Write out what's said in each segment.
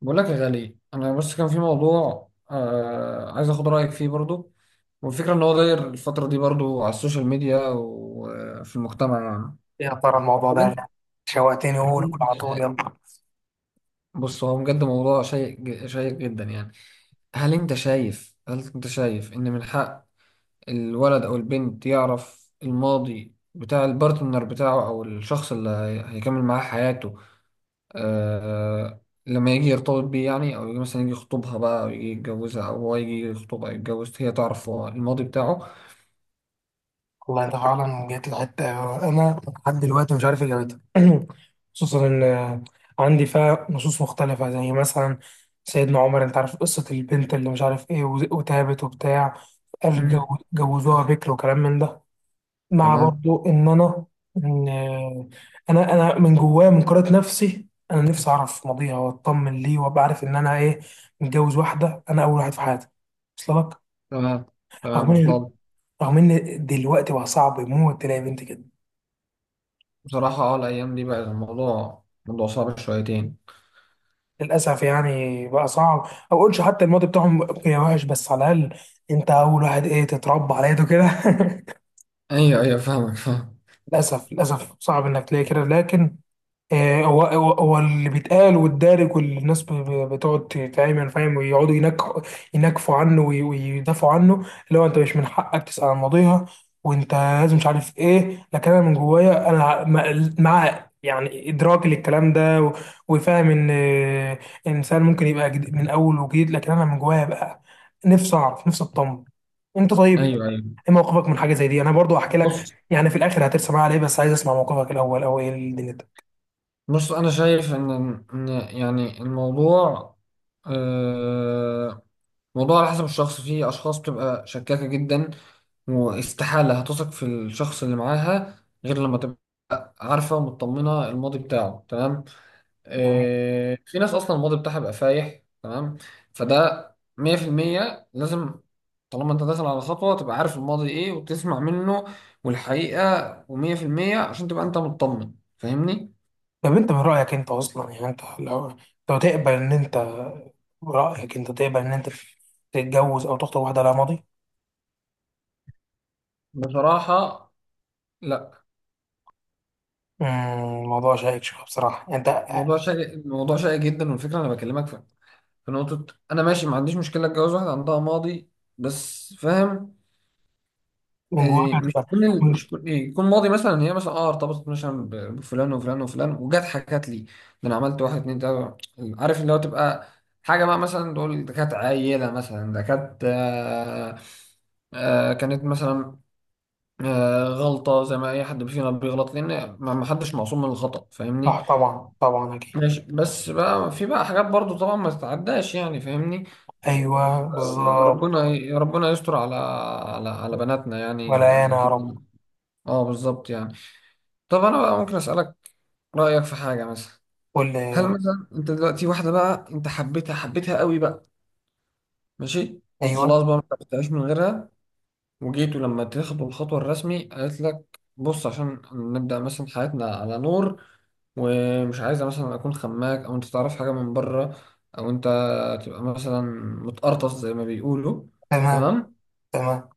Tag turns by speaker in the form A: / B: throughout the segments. A: بقول لك يا غالي، انا بس كان في موضوع عايز اخد رايك فيه برضو. والفكره ان هو داير الفتره دي برضو على السوشيال ميديا وفي المجتمع يعني.
B: يا ترى الموضوع
A: هل
B: ده
A: انت
B: شوقتني،
A: هل
B: قول قول
A: انت
B: على طول
A: شايف؟
B: يلا.
A: بص، هو بجد موضوع شيق شيق جدا يعني. هل انت شايف ان من حق الولد او البنت يعرف الماضي بتاع البارتنر بتاعه، او الشخص اللي هيكمل معاه حياته، آه لما يجي يرتبط بيه يعني، او يجي مثلا يخطبها بقى، او يجي يتجوزها، او هو يجي يخطبها او يتجوز، هي تعرف هو الماضي بتاعه.
B: والله انت فعلا جيت لحته. انا لحد دلوقتي مش عارف اجابتها. خصوصا ان عندي فيها نصوص مختلفه، زي مثلا سيدنا عمر، انت عارف قصه البنت اللي مش عارف ايه وتابت وبتاع، قال
A: مم.
B: جو- جوزوها بكر وكلام من ده. مع
A: تمام،
B: برضو ان انا من جوايا من قراءه نفسي، انا نفسي اعرف ماضيها واطمن ليه وابقى عارف ان انا ايه، متجوز واحده انا اول واحد في حياتي. وصل لك؟
A: تمام، تمام،
B: رغم ان
A: وصلت.
B: رغم ان دلوقتي بقى صعب يموت تلاقي بنت كده.
A: بصراحة، الأيام دي بقى الموضوع موضوع صعب شويتين.
B: للاسف يعني بقى صعب، او اقولش حتى الماضي بتاعهم يا وحش، بس على الاقل انت اول واحد ايه، تتربى على يده كده.
A: أيوه، أيوه، فاهمك فاهم.
B: للاسف للاسف صعب انك تلاقي كده، لكن هو اللي بيتقال والدارج، والناس بتقعد تتعمل فاهم ويقعدوا ينكفوا عنه ويدافعوا عنه، اللي هو انت مش من حقك تسأل عن ماضيها وانت لازم مش عارف ايه. لكن انا من جوايا انا مع يعني ادراك للكلام ده وفاهم ان انسان ممكن يبقى من اول وجديد، لكن انا من جوايا بقى نفسي اعرف، نفسي اطمن. انت طيب،
A: أيوه، أيوه.
B: ايه موقفك من حاجه زي دي؟ انا برضو احكي لك
A: بص،
B: يعني في الاخر هترسم معايا عليه، بس عايز اسمع موقفك الاول، او ايه الدنيا ده.
A: بص، أنا شايف إن يعني الموضوع، آه، الموضوع على حسب الشخص. في أشخاص بتبقى شكاكة جدا واستحالة هتثق في الشخص اللي معاها غير لما تبقى عارفة ومطمنة الماضي بتاعه تمام. في ناس أصلا الماضي بتاعها بيبقى فايح تمام. فده 100% لازم. طالما أنت داخل على خطوة تبقى عارف الماضي إيه وتسمع منه، والحقيقة ومية في المية عشان تبقى أنت مطمن، فاهمني؟
B: طب انت من رأيك، انت اصلا يعني انت لو تقبل ان انت، رأيك انت تقبل ان انت تتجوز او تخطب واحدة لها ماضي؟
A: بصراحة، لا.
B: الموضوع شائك شوية بصراحة. انت
A: الموضوع شائك، الموضوع شائك جدا، والفكرة أنا بكلمك في نقطة. أنا ماشي، ما عنديش مشكلة أتجوز واحدة عندها ماضي، بس فاهم،
B: من جواك
A: إيه،
B: هتبقى من-
A: مش كل، إيه، يكون ماضي. مثلا هي مثلا ارتبطت مثلا بفلان وفلان وفلان، وجت حكت لي ده انا عملت واحد اتنين تلاته. عارف، اللي هو تبقى حاجه بقى، مثلا تقول ده كانت عيله مثلا، ده كانت، كانت مثلا، غلطه زي ما اي حد فينا بيغلط، لان ما حدش معصوم من الخطا،
B: صح
A: فاهمني؟
B: طبعا طبعا اكيد.
A: ماشي، بس بقى في بقى حاجات برضو طبعا ما تتعداش يعني، فاهمني.
B: ايوه بالظبط.
A: ربنا ربنا يستر على بناتنا يعني،
B: ولا
A: يعني
B: انا يا رب.
A: اكيد. اه، بالظبط يعني. طب انا بقى ممكن اسالك رايك في حاجه مثلا؟
B: قول
A: هل
B: لي.
A: مثلا انت دلوقتي واحده بقى انت حبيتها، حبيتها قوي بقى، ماشي
B: ايوه.
A: وخلاص بقى ما بتعيش من غيرها، وجيت ولما تاخد الخطوة الرسمي، قالت لك بص، عشان نبدأ مثلا حياتنا على نور، ومش عايزة مثلا أكون خماك أو أنت تعرف حاجة من بره، أو أنت تبقى مثلا متقرطص زي ما بيقولوا،
B: تمام.
A: تمام،
B: تمام.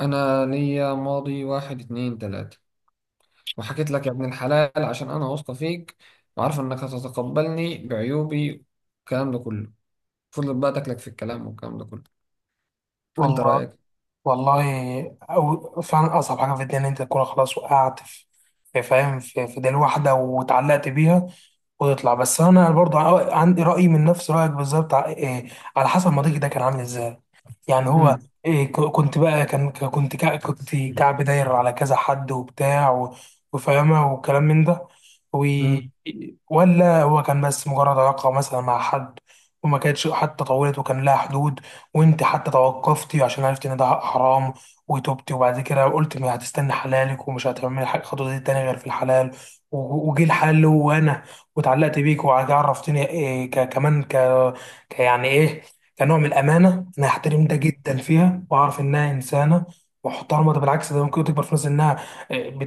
A: أنا ليا ماضي واحد اتنين تلاتة، وحكيت لك يا ابن الحلال عشان أنا واثقة فيك وعارفة إنك هتتقبلني بعيوبي، الكلام ده كله، فضلت بقى تاكلك في الكلام والكلام ده كله. أنت
B: والله.
A: رأيك؟
B: والله، أو فعلا أصعب حاجة في الدنيا إن أنت تكون خلاص وقعت في في- فاهم، في، في دليل واحدة واتعلقت بيها وتطلع. بس أنا برضو ع- عندي رأي من نفس رأيك بالظبط، ع- على حسب ما ضيقي ده كان عامل إزاي. يعني هو
A: مم.
B: إيه، كنت بقى كان ك- كنت كع- كنت كعب داير على كذا حد وبتاع وفاهمة وكلام من ده، و ولا هو كان بس مجرد علاقة مثلا مع حد وما كانتش حتى طولت وكان لها حدود، وانت حتى توقفتي عشان عرفتي ان ده حرام وتوبتي، وبعد كده قلت ما هتستني حلالك، ومش هتعملي حاجة خطوة دي تاني غير في الحلال، وجي الحلال اللي هو انا، واتعلقت بيك وعرفتني إيه يعني ايه كنوع من الامانه، انا هحترم ده
A: مم.
B: جدا فيها واعرف انها انسانه محترمه. ده بالعكس ده ممكن تكبر في ناس انها آه،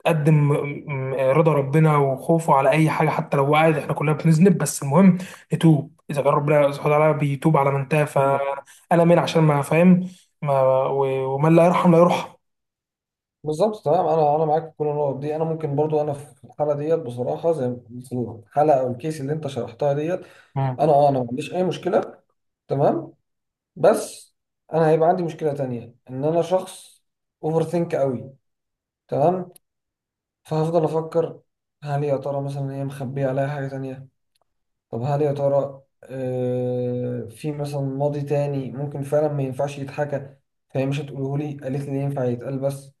B: بتقدم آم، آه، رضا ربنا وخوفه على اي حاجه. حتى لو وقعت، احنا كلنا بنذنب، بس المهم نتوب. اذا كان ربنا سبحانه وتعالى بيتوب على من تاب، فانا من عشان ما فاهم ما ومن لا يرحم لا يرحم.
A: بالظبط تمام. انا معاك في كل النقط دي. انا ممكن برضو انا في الحاله ديت بصراحه، زي في الحلقه او الكيس اللي انت شرحتها ديت، انا ما عنديش اي مشكله، تمام. بس انا هيبقى عندي مشكله تانية، ان انا شخص اوفر ثينك قوي، تمام. فهفضل افكر، هل يا ترى مثلا هي مخبيه عليا حاجه تانية؟ طب هل يا ترى في مثلا ماضي تاني ممكن فعلا ما ينفعش يتحكى، فهي مش هتقوله لي، قالت لي ينفع يتقال بس،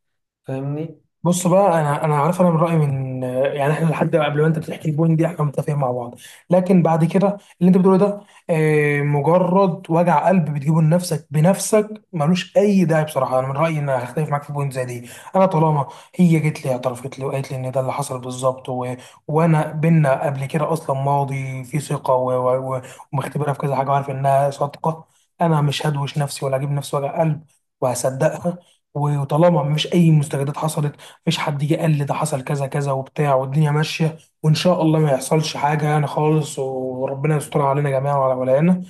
A: فاهمني؟
B: بص بقى، انا عارف انا من رايي من، يعني احنا لحد قبل ما انت بتحكي البوينت دي احنا متفقين مع بعض، لكن بعد كده اللي انت بتقوله ده مجرد وجع قلب بتجيبه لنفسك بنفسك، ملوش اي داعي. بصراحه انا من رايي ان هختلف معاك في بوينت زي دي. انا طالما هي جت لي اعترفت لي وقالت لي ان ده اللي حصل بالظبط، و... وانا بينا قبل كده اصلا ماضي في ثقه و... و... و- ومختبرها في كذا حاجه وعارف انها صادقه، انا مش هدوش نفسي ولا اجيب نفسي وجع قلب، وهصدقها. وطالما مفيش اي مستجدات حصلت، مفيش حد جه قال لي ده حصل كذا كذا وبتاع، والدنيا ماشيه، وان شاء الله ما يحصلش حاجه يعني خالص، وربنا يستر علينا جميعا وعلى ولايانا.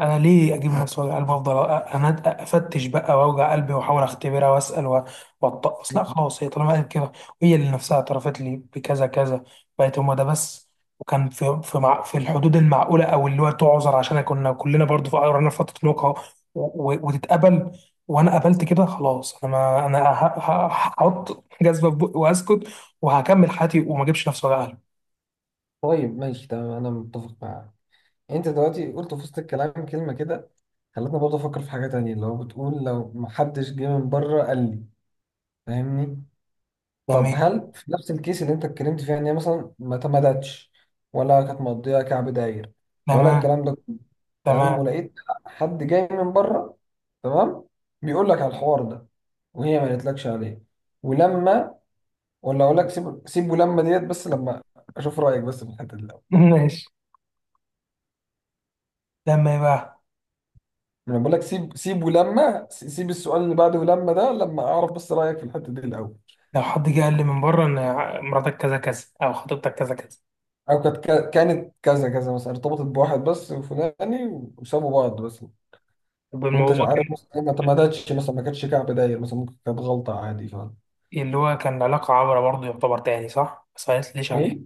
B: انا ليه اجيب نفس وجع قلبي وافضل أ- انا افتش بقى واوجع قلبي واحاول اختبرها واسال واتطقس؟ لا خلاص، هي طالما قالت كده، وهي اللي نفسها اعترفت لي بكذا كذا، بقت هما ده بس، وكان في في مع في الحدود المعقوله، او اللي هو تعذر عشان كنا كلنا برضو في قررنا في فتره نقاهه، وتتقبل، وانا قبلت كده خلاص، انا ما انا هحط جزمه في بقي واسكت وهكمل حياتي وما اجيبش نفس وجع قلبي.
A: طيب، ماشي، تمام، انا متفق معاك. انت دلوقتي قلت في وسط الكلام كلمه كده خلتني برضه افكر في حاجه تانية، اللي هو بتقول لو محدش جه من بره قال لي، فاهمني؟ طب
B: تمام
A: هل في نفس الكيس اللي انت اتكلمت فيها، ان هي مثلا ما تمدتش ولا كانت مقضيه كعب داير، ولا
B: تمام
A: الكلام ده كله، تمام،
B: تمام.
A: ولقيت حد جاي من بره، تمام، بيقول لك على الحوار ده، وهي ما قالتلكش عليه. ولما، ولا اقول لك سيب، سيب ولما ديت بس لما اشوف رايك بس في الحته دي الأول.
B: ماشي. تمام بقى،
A: انا بقول لك سيب، سيب ولما سيب السؤال اللي بعده، ولما ده، لما اعرف بس رايك في الحته دي الاول.
B: لو حد جه قال لي من بره ان مراتك كذا كذا او خطيبتك كذا كذا.
A: او كانت، كانت كذا كذا، مثلا ارتبطت بواحد بس وفلاني، وسابوا بعض بس،
B: طب
A: وانت مش
B: الموضوع
A: عارف
B: كان
A: مثلا ما تمدتش، مثلا ما كانتش كعب داير، مثلا ممكن كانت غلطه عادي، فاهم؟
B: إيه؟ اللي هو كان علاقه عبره برضه يعتبر تاني صح، بس ما قالتليش عليها،
A: ايه،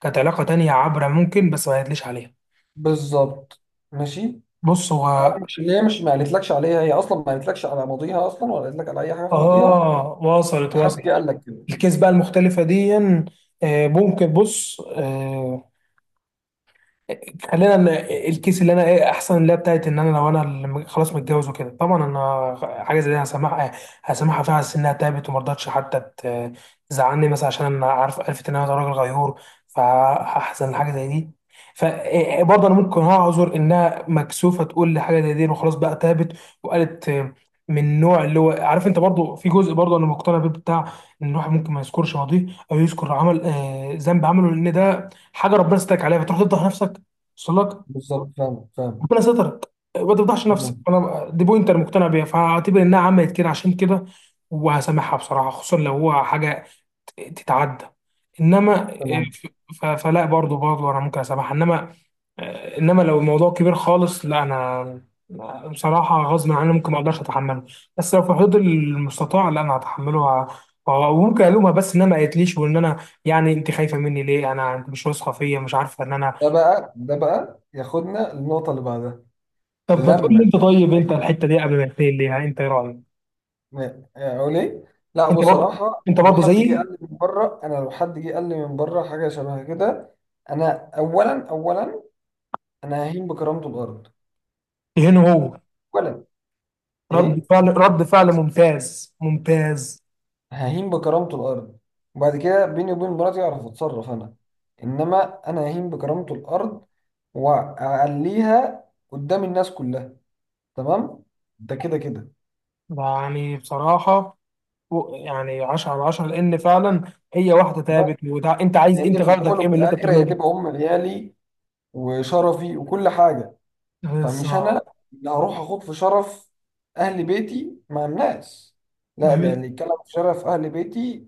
B: كانت علاقه تانية عبره ممكن بس ما قالتليش عليها.
A: بالظبط، ماشي.
B: بص
A: أو
B: هو،
A: مش اللي هي مش ما قالتلكش عليها، هي اصلا ما قالتلكش على ماضيها اصلا، ولا قالت لك على اي حاجه في ماضيها،
B: اه وصلت
A: وحد جه
B: وصلت.
A: قال لك كده،
B: الكيس بقى المختلفه دي، ممكن بص، خلينا ان الكيس اللي انا ايه احسن، اللي هي بتاعت ان انا لو انا اللي م- خلاص متجوز وكده، طبعا انا حاجه زي دي هسامحها. هسامحها فيها على أساس انها تعبت وما رضتش حتى تزعلني مثلا، عشان انا عارف عرفت ان انا راجل غيور، فهحزن لحاجه زي دي، فبرضه انا ممكن اعذر انها مكسوفه تقول لي حاجه زي دي وخلاص بقى تعبت وقالت. من النوع اللي هو عارف انت برضه، في جزء برضه انا مقتنع بيه بتاع ان الواحد ممكن ما يذكرش ماضيه، او يذكر عمل ذنب عمله، لان ده حاجه ربنا ستاك عليها فتروح تفضح نفسك. وصل لك؟
A: بالظبط، فاهم فاهم.
B: ربنا سترك ما تفضحش نفسك،
A: تمام،
B: انا دي بوينت انا مقتنع بيها، فاعتبر انها عملت كده عشان كده، وهسامحها بصراحه، خصوصا لو هو حاجه تتعدى. انما
A: تمام.
B: فلا برضه برضه انا ممكن اسامحها، انما انما لو الموضوع كبير خالص لا انا، بصراحه غصب عني ممكن ما اقدرش اتحمله، بس لو في حدود المستطاع لا انا هتحمله، وممكن الومها بس انها ما قالتليش، وان انا يعني انت خايفه مني ليه؟ انا انت مش واثقه فيا؟ مش عارفه ان انا.
A: ده بقى ياخدنا للنقطه اللي بعدها.
B: طب ما تقول لي
A: لما
B: انت، طيب انت الحته دي قبل ما تقول ليها انت ايه رايك؟
A: اقول ايه؟ لا
B: انت برضه
A: بصراحه،
B: انت
A: لو
B: برضه
A: حد جه
B: زيي.
A: قال لي من بره انا لو حد جه قال لي من بره حاجه شبه كده، انا اولا، انا ههين بكرامته الارض.
B: هنا هو.
A: اولا،
B: رد
A: ايه،
B: فعل رد فعل ممتاز ممتاز.
A: ههين بكرامته الارض. وبعد كده، بيني وبين مراتي، اعرف اتصرف انا. انما انا ههين بكرامته الارض، واعليها قدام الناس كلها، تمام، ده كده كده.
B: يعني بصراحه يعني 10 على 10، لان فعلا هي واحده ثابت. وده انت عايز، انت
A: لان في
B: غرضك
A: الاول
B: ايه
A: وفي
B: من اللي انت
A: الاخر
B: بتعمله
A: هي
B: ده؟
A: تبقى ام عيالي وشرفي وكل حاجه، فمش انا
B: بالظبط.
A: اللي هروح اخوض في شرف اهل بيتي مع الناس، لا، ده
B: جميل.
A: اللي يتكلم في شرف اهل بيتي،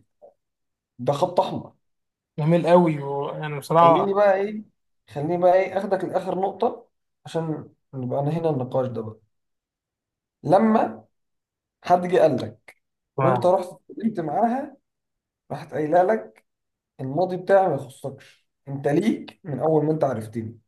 A: ده خط احمر.
B: جميل قوي. يعني
A: خليني
B: بصراحه،
A: بقى ايه خليني بقى، ايه، اخدك لاخر نقطة، عشان نبقى انا هنا النقاش ده بقى. لما حد جه قال لك
B: واو.
A: وانت رحت اتكلمت معاها، راحت قايله لك الماضي بتاعي ما يخصكش، انت ليك من اول ما انت عرفتني،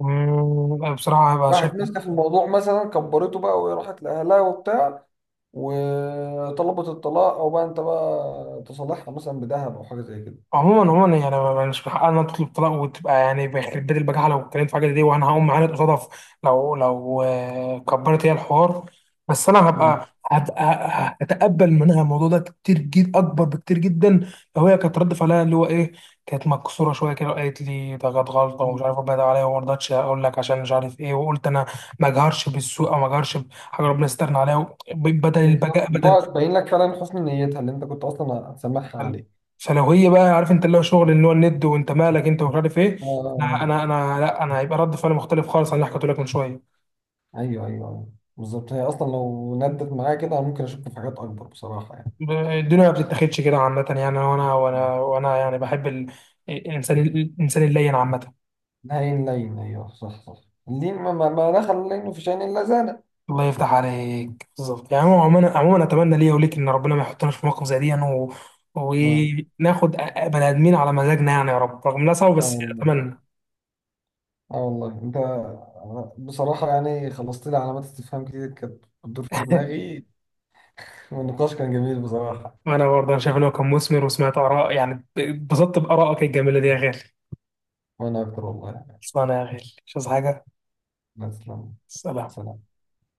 B: بصراحه هبقى شايف.
A: راحت ماسكه في الموضوع مثلا كبرته بقى، وراحت لاهلها وبتاع وطلبت الطلاق، او بقى انت بقى تصالحها مثلا بذهب او حاجه زي كده.
B: عموما عموما يعني مش من حقنا تطلب طلاق وتبقى يعني بيخرب بيت البجاحه لو اتكلمت في حاجه زي دي، وانا هقوم معاند قصادها في-، لو كبرت هي الحوار، بس انا
A: مم.
B: هبقى هتقبل منها الموضوع ده كتير جدا اكبر بكتير جدا. لو هي كانت رد فعلها اللي هو ايه، كانت مكسوره شويه كده وقالت لي ده كانت غلطه ومش
A: مم.
B: عارف ربنا ده عليا، وما رضتش اقول لك عشان مش عارف ايه، وقلت انا ما اجهرش بالسوء، او ما اجهرش بحاجه ربنا يسترنا عليها بدل
A: بالظبط،
B: البجاء
A: اللي
B: بدل.
A: هو تبين لك فعلا حسن نيتها اللي انت كنت اصلا هتسامحها
B: حلو.
A: عليه.
B: سلوية بقى، عارف انت اللي هو شغل اللي هو الند، وانت مالك انت ومش عارف ايه.
A: آه،
B: انا انا
A: آه.
B: انا لا انا هيبقى رد فعلي مختلف خالص عن اللي حكيته لك من شويه.
A: ايوه، ايوه، أيوة. بالظبط، هي اصلا لو ندت معايا كده، انا ممكن اشك في حاجات اكبر بصراحه، يعني.
B: ب- الدنيا ما بتتاخدش كده عامه يعني، وانا
A: مم.
B: وانا وانا يعني بحب الانسان اللين عامه.
A: لين لين، ايوه، صح، صح. اللين، ما دخل اللين في شأن الا زانه.
B: الله يفتح عليك بالظبط. يعني هو عموما عموما، اتمنى ليا وليك ان ربنا ما يحطناش في موقف زي دي يعني، و...
A: اه.
B: وناخد بني ادمين على مزاجنا يعني يا رب. رغم انها صعبه
A: اه
B: بس
A: والله.
B: اتمنى.
A: انت، بصراحه يعني، خلصت لي علامات استفهام كتير كانت بتدور في دماغي. والنقاش كان جميل بصراحة.
B: وانا برضه انا شايف ان هو كان مثمر، وسمعت اراء، يعني اتبسطت بارائك الجميله دي يا غالي.
A: وأنا أكتر والله.
B: خلصانة يا غالي، مش عايز حاجة.
A: تسلم.
B: سلام.
A: سلام.